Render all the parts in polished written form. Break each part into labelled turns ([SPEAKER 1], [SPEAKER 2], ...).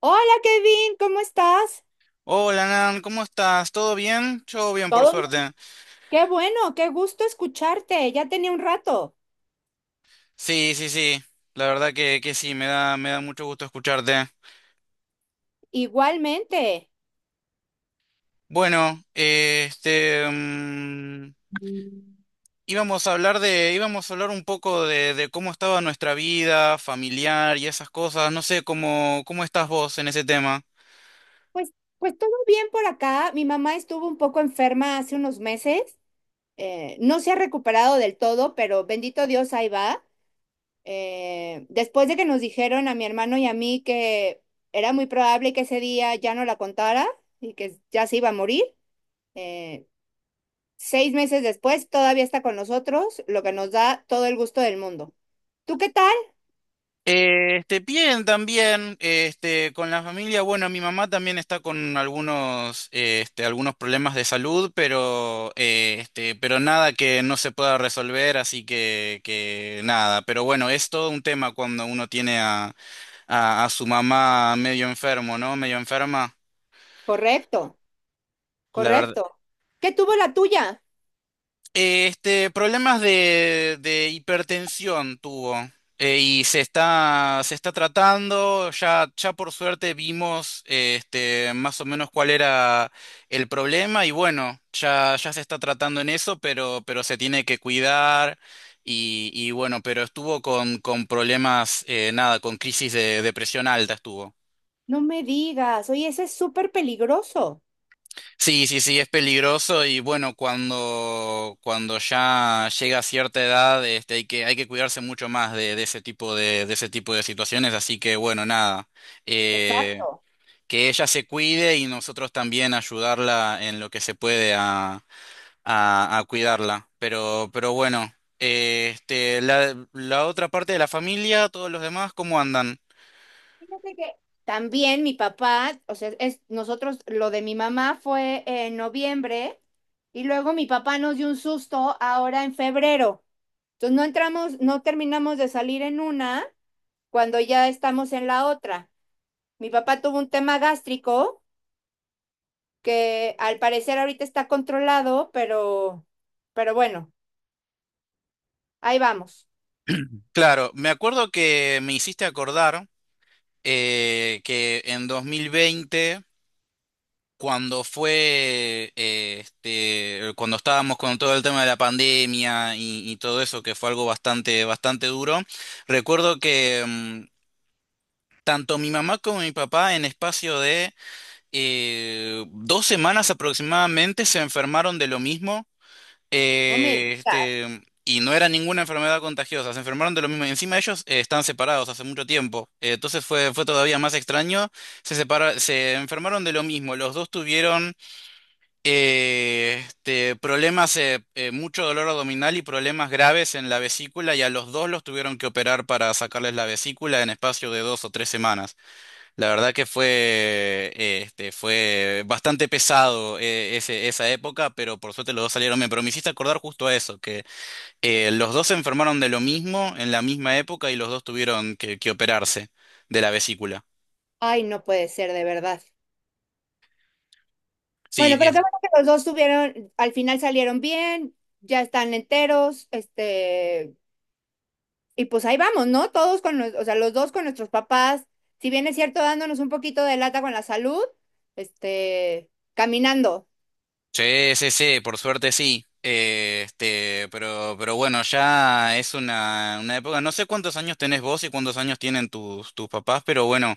[SPEAKER 1] Hola Kevin, ¿cómo estás?
[SPEAKER 2] Hola, Nan, ¿cómo estás? ¿Todo bien? Yo bien, por
[SPEAKER 1] Todo mu-
[SPEAKER 2] suerte.
[SPEAKER 1] Qué bueno, qué gusto escucharte. Ya tenía un rato.
[SPEAKER 2] Sí, sí, sí. La verdad que sí, me da mucho gusto escucharte.
[SPEAKER 1] Igualmente.
[SPEAKER 2] Bueno, este, íbamos a hablar un poco de cómo estaba nuestra vida familiar y esas cosas. No sé, cómo estás vos en ese tema.
[SPEAKER 1] Pues, pues todo bien por acá. Mi mamá estuvo un poco enferma hace unos meses. No se ha recuperado del todo, pero bendito Dios, ahí va. Después de que nos dijeron a mi hermano y a mí que era muy probable que ese día ya no la contara y que ya se iba a morir, eh, 6 meses después, todavía está con nosotros, lo que nos da todo el gusto del mundo. ¿Tú qué tal?
[SPEAKER 2] Este, bien, también, este, con la familia, bueno, mi mamá también está con algunos problemas de salud, pero nada que no se pueda resolver, así que nada. Pero bueno, es todo un tema cuando uno tiene a, a su mamá medio enfermo, ¿no? Medio enferma.
[SPEAKER 1] Correcto,
[SPEAKER 2] La verdad,
[SPEAKER 1] correcto. ¿Qué tuvo la tuya?
[SPEAKER 2] Este, problemas de hipertensión tuvo, y se está tratando, ya por suerte vimos, este, más o menos cuál era el problema y bueno, ya se está tratando en eso, pero se tiene que cuidar y bueno, pero estuvo con problemas, nada, con crisis de depresión alta estuvo.
[SPEAKER 1] No me digas, oye, ese es súper peligroso.
[SPEAKER 2] Sí, sí, sí, es peligroso y bueno, cuando ya llega a cierta edad, este, hay que cuidarse mucho más de ese tipo de ese tipo de situaciones, así que bueno, nada, eh,
[SPEAKER 1] Exacto.
[SPEAKER 2] que ella se cuide y nosotros también ayudarla en lo que se puede a, a cuidarla. Pero bueno, este, la otra parte de la familia, todos los demás, ¿cómo andan?
[SPEAKER 1] Fíjate que también mi papá, o sea, es, nosotros, lo de mi mamá fue en noviembre y luego mi papá nos dio un susto ahora en febrero. Entonces no terminamos de salir en una cuando ya estamos en la otra. Mi papá tuvo un tema gástrico que al parecer ahorita está controlado, pero bueno, ahí vamos.
[SPEAKER 2] Claro, me acuerdo que me hiciste acordar, que en 2020, este, cuando estábamos con todo el tema de la pandemia y todo eso, que fue algo bastante, bastante duro. Recuerdo que tanto mi mamá como mi papá en espacio de, 2 semanas aproximadamente, se enfermaron de lo mismo.
[SPEAKER 1] No me digas.
[SPEAKER 2] Este, y no era ninguna enfermedad contagiosa, se enfermaron de lo mismo. Y encima ellos, están separados hace mucho tiempo, entonces fue todavía más extraño. Se enfermaron de lo mismo, los dos tuvieron, este, problemas, mucho dolor abdominal y problemas graves en la vesícula, y a los dos los tuvieron que operar para sacarles la vesícula en espacio de 2 o 3 semanas. La verdad que fue bastante pesado, esa época, pero por suerte los dos salieron bien. Pero me hiciste acordar justo a eso, que, los dos se enfermaron de lo mismo en la misma época y los dos tuvieron que operarse de la vesícula.
[SPEAKER 1] Ay, no puede ser de verdad.
[SPEAKER 2] Sí,
[SPEAKER 1] Bueno, pero qué bueno que los dos tuvieron, al final salieron bien, ya están enteros, este, y pues ahí vamos, ¿no? Todos con los, o sea, los dos con nuestros papás, si bien es cierto, dándonos un poquito de lata con la salud, este, caminando.
[SPEAKER 2] Sí, sí, sí, por suerte sí. Este, pero, bueno, ya es una época. No sé cuántos años tenés vos y cuántos años tienen tus papás, pero bueno,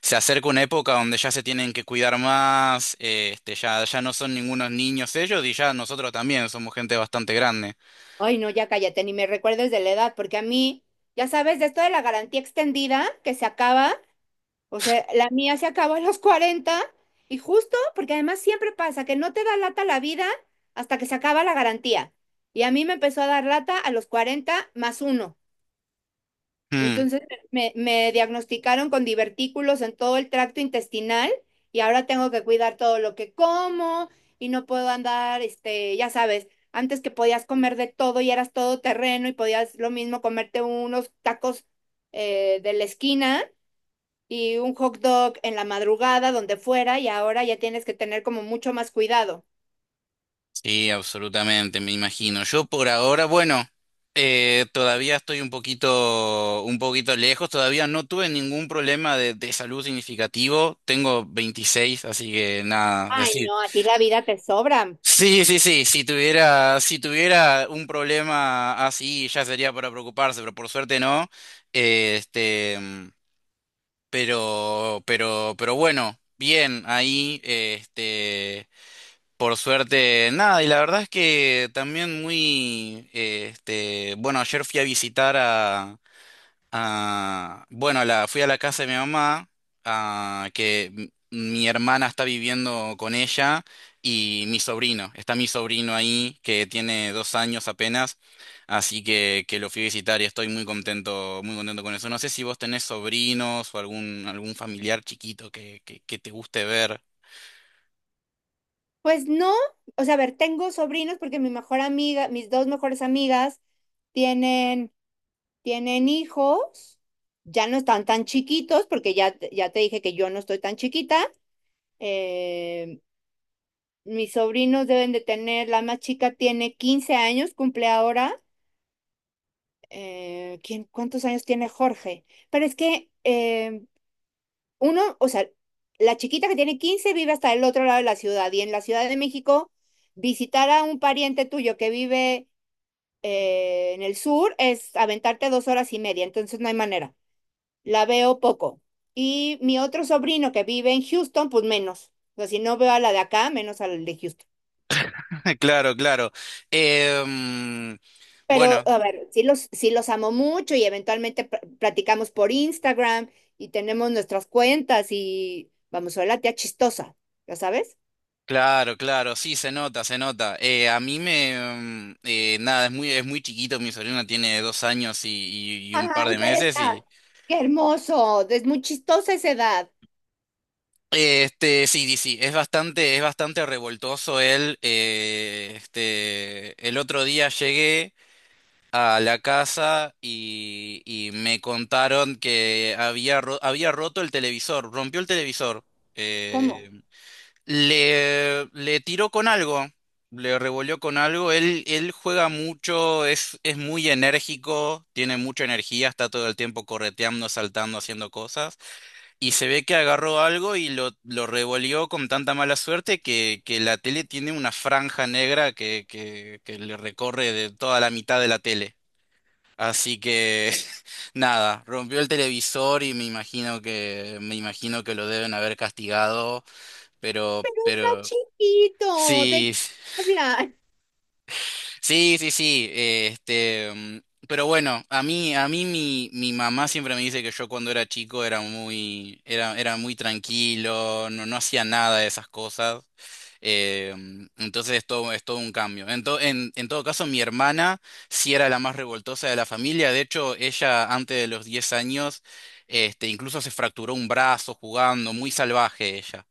[SPEAKER 2] se acerca una época donde ya se tienen que cuidar más, este, ya no son ningunos niños ellos y ya nosotros también somos gente bastante grande.
[SPEAKER 1] Ay, no, ya cállate, ni me recuerdes de la edad, porque a mí, ya sabes, de esto de la garantía extendida que se acaba, o sea, la mía se acabó a los 40 y justo porque además siempre pasa que no te da lata la vida hasta que se acaba la garantía. Y a mí me empezó a dar lata a los 40 más 1.
[SPEAKER 2] Hmm.
[SPEAKER 1] Entonces me diagnosticaron con divertículos en todo el tracto intestinal y ahora tengo que cuidar todo lo que como y no puedo andar, este, ya sabes, antes que podías comer de todo y eras todo terreno y podías lo mismo comerte unos tacos de la esquina y un hot dog en la madrugada, donde fuera, y ahora ya tienes que tener como mucho más cuidado.
[SPEAKER 2] Sí, absolutamente, me imagino. Yo por ahora, bueno, todavía estoy un poquito lejos, todavía no tuve ningún problema de salud significativo. Tengo 26, así que nada, es
[SPEAKER 1] Ay,
[SPEAKER 2] decir.
[SPEAKER 1] no, a ti la vida te sobra.
[SPEAKER 2] Sí, sí, sí, si tuviera un problema así ya sería para preocuparse, pero por suerte no. Este, pero bueno, bien, ahí, este. Por suerte, nada, y la verdad es que también muy, este, bueno, ayer fui a visitar a, fui a la casa de mi mamá, a, que mi hermana está viviendo con ella, y está mi sobrino ahí, que tiene 2 años apenas, así que lo fui a visitar y estoy muy contento con eso. No sé si vos tenés sobrinos o algún familiar chiquito que te guste ver.
[SPEAKER 1] Pues no, o sea, a ver, tengo sobrinos porque mi mejor amiga, mis dos mejores amigas tienen, tienen hijos, ya no están tan chiquitos porque ya, ya te dije que yo no estoy tan chiquita. eh, Mis sobrinos deben de tener, la más chica tiene 15 años, cumple ahora. ¿Quién, cuántos años tiene Jorge? Pero es que uno, o sea, la chiquita que tiene 15 vive hasta el otro lado de la ciudad y en la Ciudad de México visitar a un pariente tuyo que vive en el sur es aventarte 2 horas y media, entonces no hay manera. La veo poco. Y mi otro sobrino que vive en Houston, pues menos. O sea, si no veo a la de acá, menos a la de Houston.
[SPEAKER 2] Claro, claro. Em, bueno,
[SPEAKER 1] Pero, a ver, sí los amo mucho y eventualmente platicamos por Instagram y tenemos nuestras cuentas y vamos, soy la tía chistosa, ¿ya sabes?
[SPEAKER 2] claro, claro, sí, se nota, se nota. A mí me, nada, es muy chiquito. Mi sobrina tiene 2 años y un par
[SPEAKER 1] Ay,
[SPEAKER 2] de
[SPEAKER 1] pero
[SPEAKER 2] meses y,
[SPEAKER 1] ¡Qué hermoso! Es muy chistosa esa edad.
[SPEAKER 2] este, sí, sí, sí, es bastante revoltoso él. Este, el otro día llegué a la casa y me contaron que había roto el televisor, rompió el televisor.
[SPEAKER 1] ¿Cómo?
[SPEAKER 2] eh, le tiró con algo, le revolvió con algo. Él juega mucho, es muy enérgico, tiene mucha energía, está todo el tiempo correteando, saltando, haciendo cosas. Y se ve que agarró algo y lo revolvió con tanta mala suerte que la tele tiene una franja negra que le recorre de toda la mitad de la tele. Así que nada, rompió el televisor y me imagino que lo deben haber castigado. Pero,
[SPEAKER 1] Pero está
[SPEAKER 2] pero
[SPEAKER 1] chiquito, ¿de
[SPEAKER 2] Sí,
[SPEAKER 1] qué habla?
[SPEAKER 2] sí, sí, sí. Este, pero bueno, a mí, mi mamá siempre me dice que yo cuando era chico era muy tranquilo, no hacía nada de esas cosas. Entonces es todo, un cambio. En todo caso, mi hermana sí era la más revoltosa de la familia. De hecho, ella antes de los 10 años, este, incluso se fracturó un brazo jugando, muy salvaje ella.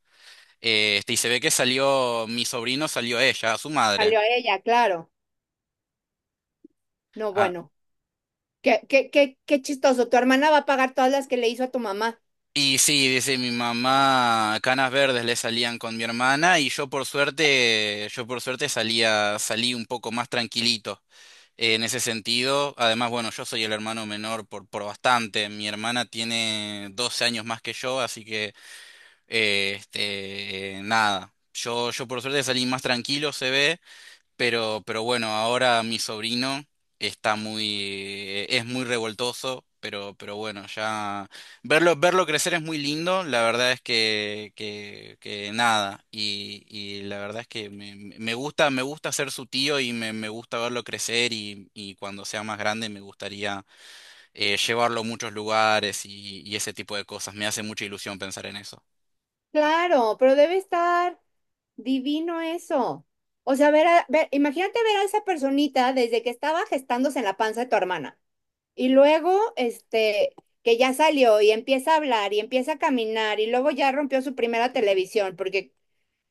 [SPEAKER 2] Este, y se ve que mi sobrino salió ella, a su madre.
[SPEAKER 1] Salió a ella, claro. No, bueno, qué chistoso. Tu hermana va a pagar todas las que le hizo a tu mamá.
[SPEAKER 2] Y sí, dice mi mamá, canas verdes le salían con mi hermana, y yo por suerte, salí un poco más tranquilito, en ese sentido. Además, bueno, yo soy el hermano menor por bastante. Mi hermana tiene 12 años más que yo, así que, este, nada. Yo por suerte salí más tranquilo, se ve. Pero bueno, ahora mi sobrino es muy revoltoso, pero bueno, ya verlo crecer es muy lindo, la verdad es que nada, y la verdad es que me gusta ser su tío y me gusta verlo crecer y cuando sea más grande me gustaría, llevarlo a muchos lugares y ese tipo de cosas. Me hace mucha ilusión pensar en eso.
[SPEAKER 1] Claro, pero debe estar divino eso. O sea, ver, ver, imagínate ver a esa personita desde que estaba gestándose en la panza de tu hermana. Y luego, este, que ya salió y empieza a hablar y empieza a caminar y luego ya rompió su primera televisión, porque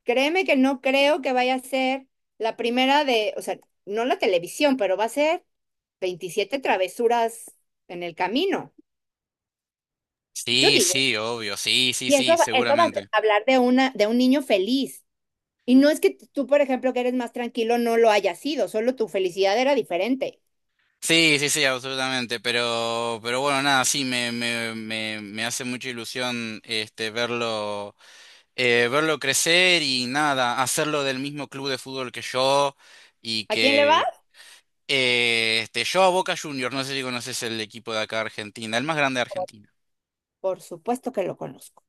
[SPEAKER 1] créeme que no creo que vaya a ser la primera de, o sea, no la televisión, pero va a ser 27 travesuras en el camino, yo
[SPEAKER 2] Sí,
[SPEAKER 1] digo.
[SPEAKER 2] sí, obvio, sí, sí,
[SPEAKER 1] Y
[SPEAKER 2] sí,
[SPEAKER 1] eso, eso va
[SPEAKER 2] seguramente.
[SPEAKER 1] a hablar de, una, de un niño feliz. Y no es que tú, por ejemplo, que eres más tranquilo, no lo hayas sido, solo tu felicidad era diferente.
[SPEAKER 2] Sí, sí, sí, absolutamente. Pero bueno, nada, sí, me hace mucha ilusión este verlo, verlo crecer y nada, hacerlo del mismo club de fútbol que yo y
[SPEAKER 1] ¿A quién le va?
[SPEAKER 2] que este, yo a Boca Juniors, no sé si conoces el equipo de acá de Argentina, el más grande de Argentina.
[SPEAKER 1] Por supuesto que lo conozco.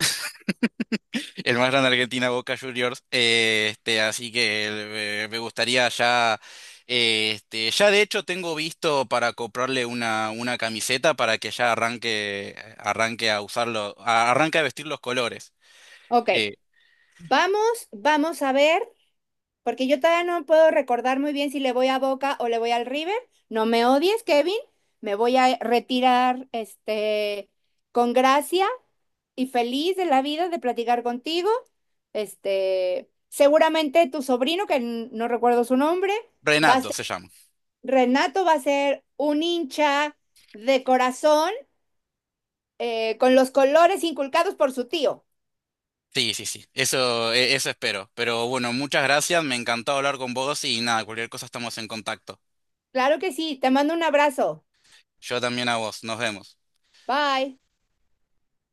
[SPEAKER 2] El más grande de Argentina, Boca Juniors. Este, así que, me gustaría ya. Este, ya de hecho tengo visto para comprarle una camiseta para que ya arranque a usarlo, arranque a vestir los colores.
[SPEAKER 1] Ok,
[SPEAKER 2] Eh,
[SPEAKER 1] vamos a ver, porque yo todavía no puedo recordar muy bien si le voy a Boca o le voy al River. No me odies, Kevin. Me voy a retirar este, con gracia y feliz de la vida de platicar contigo. Este, seguramente tu sobrino, que no recuerdo su nombre, va a
[SPEAKER 2] Renato
[SPEAKER 1] ser,
[SPEAKER 2] se llama.
[SPEAKER 1] Renato va a ser un hincha de corazón con los colores inculcados por su tío.
[SPEAKER 2] Sí, sí, sí. Eso espero. Pero bueno, muchas gracias. Me encantó hablar con vos y nada, cualquier cosa estamos en contacto.
[SPEAKER 1] Claro que sí, te mando un abrazo.
[SPEAKER 2] Yo también a vos. Nos vemos.
[SPEAKER 1] Bye.